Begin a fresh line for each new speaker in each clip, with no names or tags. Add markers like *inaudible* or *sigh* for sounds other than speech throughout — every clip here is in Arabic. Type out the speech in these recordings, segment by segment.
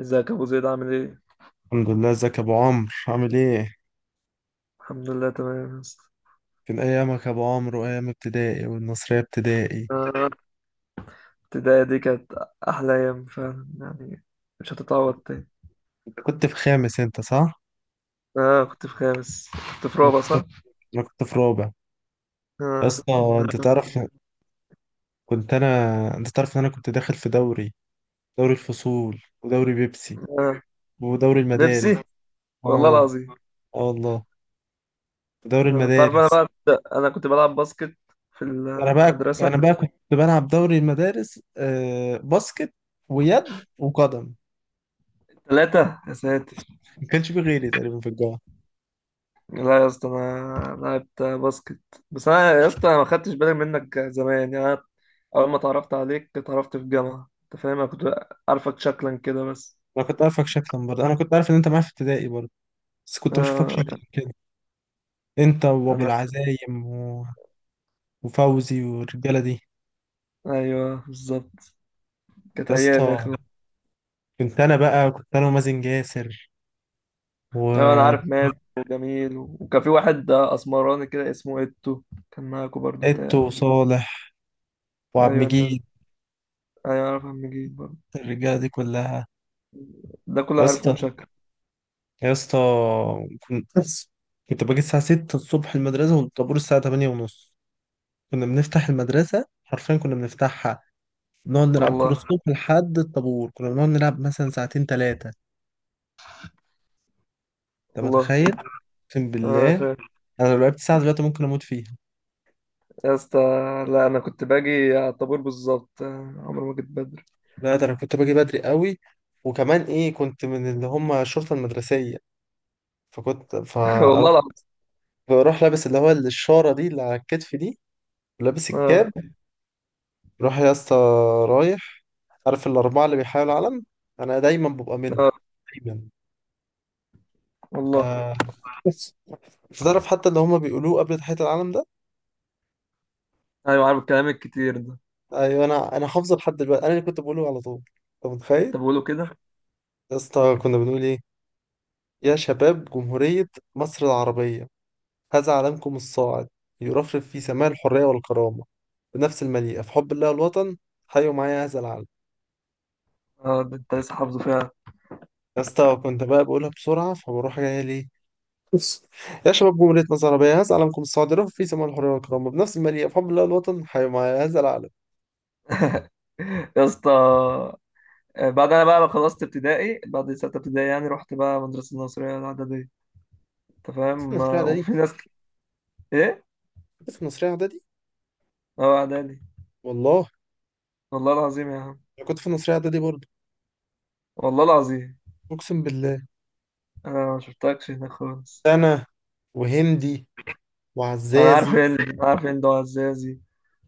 ازيك يا ابو زيد عامل ايه؟
الحمد لله، ازيك يا ابو عمرو عامل ايه؟
الحمد لله تمام يا اسطى.
كان ايامك يا ابو عمرو وايام ابتدائي والنصريه ابتدائي.
آه، البداية دي كانت أحلى أيام فعلا يعني. مش هتتعوض تاني.
انت كنت في خامس انت، صح؟
آه كنت في خامس. كنت في
انا
رابع
كنت
صح؟
انا كنت في رابع. يا
آه
اسطى انت
كنا-
تعرف، كنت انا انت تعرف ان انا كنت داخل في دوري، دوري الفصول ودوري بيبسي
آه
ودوري المدارس.
بيبسي. والله
اه،
العظيم.
اه والله، دوري
آه تعرف
المدارس.
أنا بقى. أنا كنت بلعب باسكت في المدرسة.
انا بقى كنت بلعب دوري المدارس، باسكت ويد وقدم.
ثلاثة يا ساتر.
ما كانش في غيري تقريبا في الجامعه.
لا يا اسطى، أنا لعبت باسكت. بس أنا يا اسطى أنا ما خدتش بالي منك زمان، يعني أنا أول ما اتعرفت عليك اتعرفت في الجامعة، أنت فاهم، أنا كنت عارفك شكلا كده بس.
انا كنت عارفك شكلا برضه، انا كنت عارف ان انت معايا في ابتدائي برضه، بس كنت بشوفك شكلك
آه.
كده. انت وابو
أنا.
العزايم وفوزي والرجاله دي.
أيوه بالظبط. كانت
يا
أيام يا
اسطى،
أخي.
كنت انا ومازن جاسر
أيوة أنا عارف
وإتو
مازن وجميل، وكان في واحد أسمراني كده اسمه إتو، كان معاكوا برضو بتاعي.
وصالح وعبد
أيوه الناس دي.
مجيد،
أيوه عارف عم جيل برضو.
الرجاله دي كلها.
ده كله
يا
عارفهم
اسطى
شكل.
يا اسطى، كنت كنت باجي الساعه 6 الصبح المدرسه، والطابور الساعه 8 ونص. كنا بنفتح المدرسه حرفيا، كنا بنفتحها. نقعد نلعب كوره
والله.
الصبح لحد الطابور، كنا بنقعد نلعب مثلا ساعتين ثلاثه. انت
والله.
متخيل؟ اقسم
أنا
بالله،
فاهم.
انا لو لعبت ساعه دلوقتي ممكن اموت فيها.
يا اسطى، لا أنا كنت باجي على الطابور بالظبط، عمري ما جيت بدري.
لا، ده انا كنت باجي بدري قوي، وكمان ايه، كنت من اللي هم الشرطه المدرسيه. فكنت
*laughs* والله
فاروح،
العظيم.
بروح لابس اللي هو الشاره دي اللي على الكتف دي، ولابس
آه.
الكاب. روح يا اسطى، رايح. عارف الاربعه اللي بيحاولوا العلم؟ انا دايما ببقى منهم،
آه
دايما. ف
والله.
بس انت تعرف حتى اللي هم بيقولوه قبل تحيه العلم ده؟
أيوه عارف الكلام الكتير ده.
ايوه، انا حافظه لحد دلوقتي، انا اللي كنت بقوله على طول، انت
أنت
متخيل؟
بقوله كده؟
يا اسطى كنا بنقول ايه، يا شباب جمهوريه مصر العربيه، هذا علمكم الصاعد يرفرف في سماء الحرية والكرامة بنفس المليئة في حب الله والوطن، حيوا معايا هذا العلم.
آه، ده أنت لسه حافظه فعلا.
يا اسطى كنت بقى بقولها بسرعة فبروح جاية ليه، بص. يا شباب جمهورية مصر العربية، هذا علمكم الصاعد يرفرف في سماء الحرية والكرامة بنفس المليئة في حب الله والوطن، حيوا معايا هذا العلم.
*laughs* يا اسطى. آه، بعد انا بقى خلصت ابتدائي، بعد ستة ابتدائي يعني رحت بقى مدرسة الناصرية الإعدادية، انت
كنت في
فاهم.
النصرية
آه، *laughs*
إعدادي.
ايه.
كنت في النصرية إعدادي،
اه اعدادي.
والله.
والله العظيم يا عم.
أنا كنت في النصرية إعدادي برضه،
والله العظيم.
أقسم بالله.
انا ما شفتكش هناك خالص.
أنا وهندي
انا عارف
وعزازي
ان دعاء الزازي.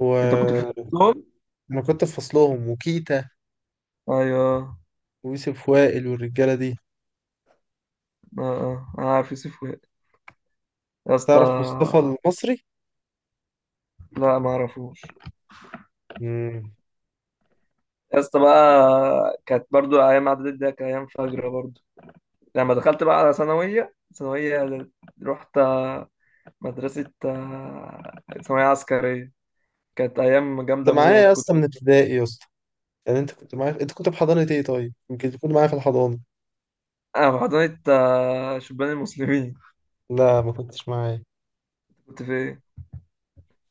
و
انت كنت في وسطهم.
انا كنت في فصلهم، وكيتا
ايوه.
ويوسف وائل والرجالة دي.
اه اه انا عارف يوسف وائل. يا اسطى.
تعرف مصطفى المصري؟
لا ما اعرفوش.
مم.
يا اسطى بقى كانت برضو ايام اعدادي، ده كانت ايام فجر برضو. لما دخلت بقى على ثانوية رحت مدرسة ثانوية عسكرية، كانت أيام جامدة
انت معايا
موت
يا
كنت.
اسطى من ابتدائي يا اسطى. يعني انت كنت معايا، انت كنت في حضانة ايه طيب؟ يمكن تكون معايا في الحضانة.
أنا في حضانة شبان المسلمين.
لا، ما كنتش معايا.
كنت في إيه؟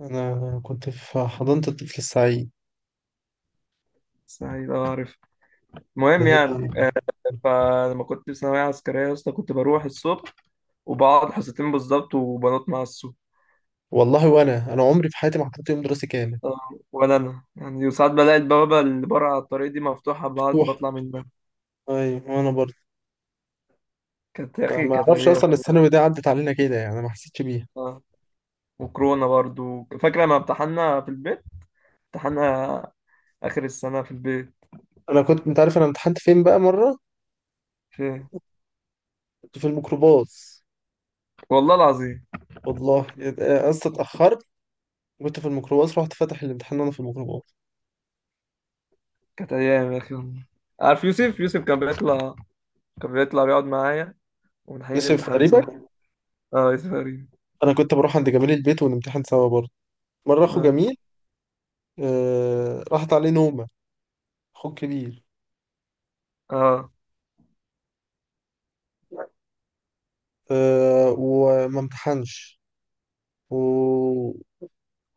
انا كنت في حضانة الطفل السعيد،
سعيد أه عارف.
ده
المهم
هي.
يعني. فلما كنت في ثانوية عسكرية يا اسطى كنت بروح الصبح وبقعد حصتين بالظبط وبنط مع السوق.
والله، انا عمري في حياتي ما حضرت يوم دراسي كامل،
آه، ولا أنا يعني، وساعات بلاقي البوابة اللي بره على الطريق دي مفتوحة،
مفتوح.
بطلع منها.
ايوه، وانا برضه
كانت يا أخي
ما
كانت
اعرفش
أيام.
اصلا الثانوي دي عدت علينا كده، يعني انا ما حسيتش بيها.
أه. وكورونا برضو فاكرة لما امتحنا في البيت، امتحنا آخر السنة في البيت.
انا كنت انت عارف انا امتحنت فين بقى مره؟
في إيه؟
كنت في الميكروباص،
والله العظيم.
والله. يبقى اصلا اتاخرت، كنت في الميكروباص، رحت فاتح الامتحان وانا في الميكروباص.
كانت ايام يا اخي والله. عارف يوسف كان بيطلع بيقعد معايا ونحل
ماشي
الامتحان سوا.
تقريبا.
اه يوسف غريب.
انا كنت بروح عند جميل البيت ونمتحن سوا برضه. مره اخو
اه.
جميل، آه، راحت عليه نومه، اخو الكبير،
اه
آه، وما امتحنش و...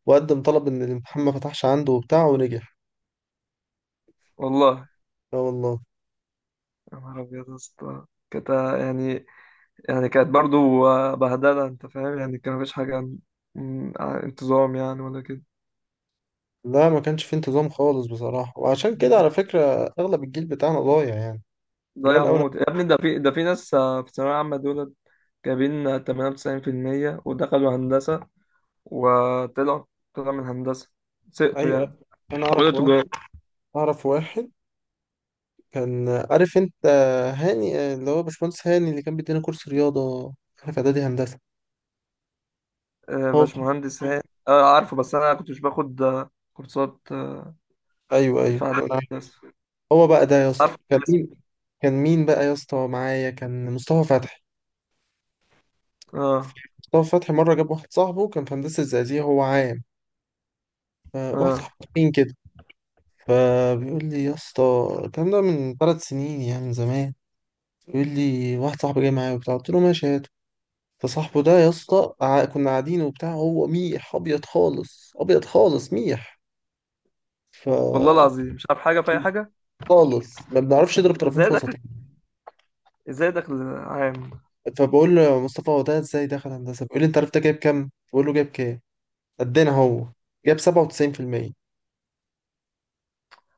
وقدم طلب ان الامتحان ما فتحش عنده وبتاع ونجح.
والله.
لا والله.
يا نهار ابيض يا اسطى. كانت يعني كانت برضو بهدله، انت فاهم، يعني كان مفيش حاجه عن انتظام يعني ولا كده.
لا، ما كانش في انتظام خالص بصراحه، وعشان كده
مم.
على فكره اغلب الجيل بتاعنا ضايع يعني، قليل
ضايع
الاول.
موت يا ابني، ده في ناس في الثانويه العامه دول جايبين 98% ودخلوا هندسه، وطلعوا طلعوا من هندسه، سقطوا يعني.
ايوه. انا
حولوا
اعرف واحد
تجاره.
اعرف واحد، كان عارف، انت هاني، اللي هو باشمهندس هاني اللي كان بيدينا كورس رياضه احنا في اعدادي هندسه،
آه،
هو.
باشمهندس هاني. اه عارفه، بس انا كنت مش باخد كورسات
ايوه، ايوه.
في اعداد الناس.
هو بقى ده يا
بس
اسطى
عارفه
كان
الناس.
مين؟ كان مين بقى يا اسطى معايا، كان مصطفى فتحي.
اه.
مصطفى فتحي مره جاب واحد صاحبه كان في هندسه زقازيق، هو عام، فواحد
اه
صاحبه تخين كده، فبيقول لي يا اسطى، الكلام ده من ثلاث سنين يعني من زمان، بيقول لي واحد صاحبي جاي معايا وبتاع، قلت له ماشي هاته. فصاحبه ده يا اسطى كنا قاعدين وبتاع، هو ميح ابيض خالص، ابيض خالص ميح. ف
والله العظيم مش عارف حاجه في اي حاجه.
خالص ما بنعرفش نضرب طرفين
ازاي
في وسط
دخل؟
يعني.
ازاي دخل عام؟
فبقول له يا مصطفى هو ده ازاي دخل هندسه؟ بيقول لي انت عرفت ده جايب كام؟ بقول له جايب كام؟ قدنا هو. جاب 97%.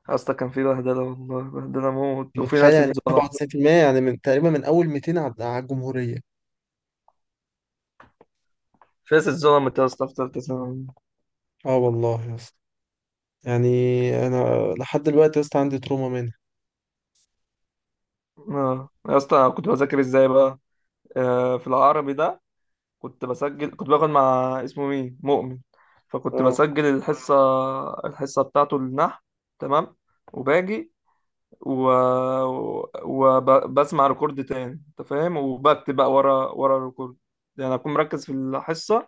اصلا كان في بهدله، والله بهدله موت، وفي
متخيل؟
ناس
يعني
اتظلم.
97% يعني من تقريبا من اول 200 على الجمهورية.
في ناس اتظلمت يا اسطى في ثالثه ثانوي.
اه والله يا اسطى، يعني انا لحد دلوقتي يا اسطى عندي تروما منها.
اه يا اسطى، أنا كنت بذاكر ازاي بقى في العربي ده؟ كنت بسجل، كنت باخد مع اسمه مين، مؤمن، فكنت
اه،
بسجل الحصه، بتاعته النحو، تمام. وباجي و... وبسمع ريكورد تاني، انت فاهم، وبكتب بقى ورا ورا الريكورد، يعني اكون مركز في الحصه.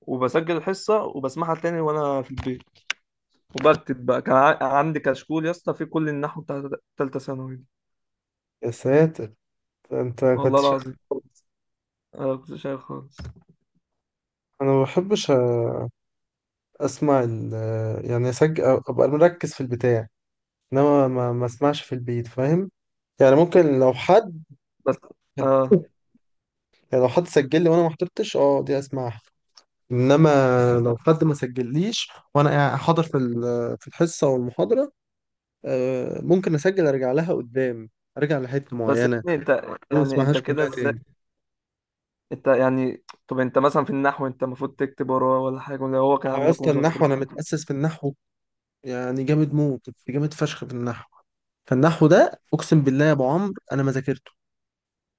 وبسجل الحصه وبسمعها تاني وانا في البيت، وبكتب بقى. كان عندي كشكول يا اسطى في كل النحو بتاع تالتة ثانوي دي.
يا ساتر. انت كنت
والله
شا...
العظيم انا كنت شايل خالص.
انا ما بحبش اسمع ال... يعني اسجل ابقى مركز في البتاع، انما ما اسمعش في البيت، فاهم؟ يعني ممكن لو حد،
بس اه.
يعني لو حد سجل لي وانا ما حضرتش، اه، دي اسمعها. انما لو حد ما سجليش وانا حاضر في في الحصه والمحاضره، آه، ممكن اسجل ارجع لها قدام، ارجع لحته
بس
معينه،
يعني انت،
ما
يعني انت
اسمعهاش
كده
كلها
ازاي؟
تاني.
انت يعني، طب انت مثلا في النحو، انت المفروض تكتب وراه، ولا حاجه، ولا هو كان
ما هو يا
عامل لكم
اسطى النحو
مذكره؟
انا متاسس في النحو، يعني جامد موت، كنت جامد فشخ في النحو. فالنحو ده اقسم بالله يا ابو عمرو انا ما ذاكرته،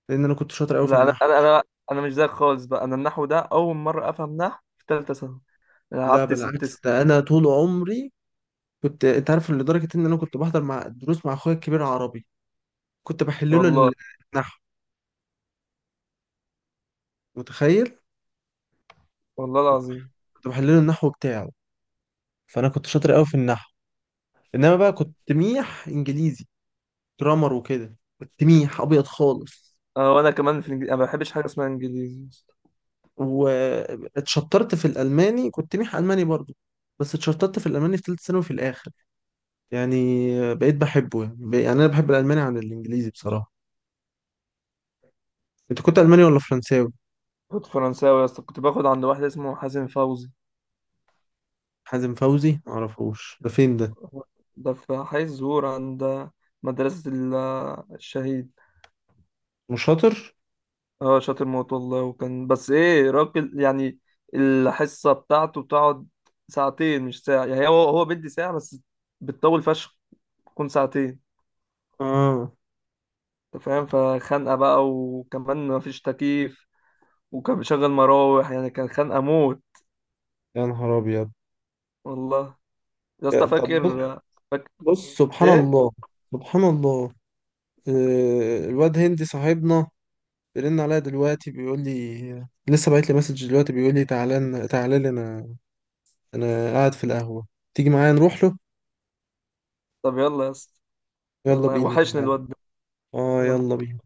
لان انا كنت شاطر قوي في
لا انا
النحو.
انا انا انا مش زيك خالص بقى. انا النحو ده اول مره افهم نحو في ثالثه ثانوي، انا
لا
قعدت ست
بالعكس،
سنين
ده انا طول عمري كنت، انت عارف، لدرجه ان انا كنت بحضر مع دروس مع اخويا الكبير عربي، كنت بحل له
والله.
النحو. متخيل؟
والله العظيم.
كنت بحل له النحو بتاعه. فانا كنت شاطر قوي في النحو، انما بقى كنت ميح انجليزي. جرامر وكده كنت ميح ابيض خالص.
انا، وانا كمان في الانجليزي، انا ما بحبش حاجه اسمها انجليزي يا اسطى.
واتشطرت في الالماني، كنت ميح الماني برضو، بس اتشطرت في الالماني في ثالثه ثانوي في الاخر. يعني بقيت بحبه، يعني يعني انا بحب الالماني عن الانجليزي بصراحه. انت كنت الماني ولا فرنساوي؟
كنت فرنساوي يا اسطى، كنت باخد عند واحد اسمه حازم فوزي.
حازم فوزي معرفوش، ده فين ده؟
ده في حي الزهور عند مدرسه الشهيد.
مش شاطر.
اه شاطر موت والله، وكان بس ايه راجل يعني. الحصه بتاعته بتقعد ساعتين مش ساعه، يعني هو بيدي ساعه بس بتطول فشخ، تكون ساعتين،
اه.
انت فاهم. فخنقة بقى، وكمان مفيش تكييف، وكان بيشغل مراوح يعني كان خنقة موت.
يا نهار ابيض.
والله. يا اسطى
طب
فاكر.
بص.
فاكر
بص، سبحان
ايه؟
الله، سبحان الله. آه، الواد هندي صاحبنا بيرن عليا دلوقتي، بيقول لي لسه باعت لي مسج دلوقتي، بيقول لي تعالى لي انا، انا قاعد في القهوة، تيجي معايا نروح له.
طب يلا يا اسطى.
يلا
يلا،
بينا،
وحشني
تعالى.
الواد ده.
اه،
يلا.
يلا بينا.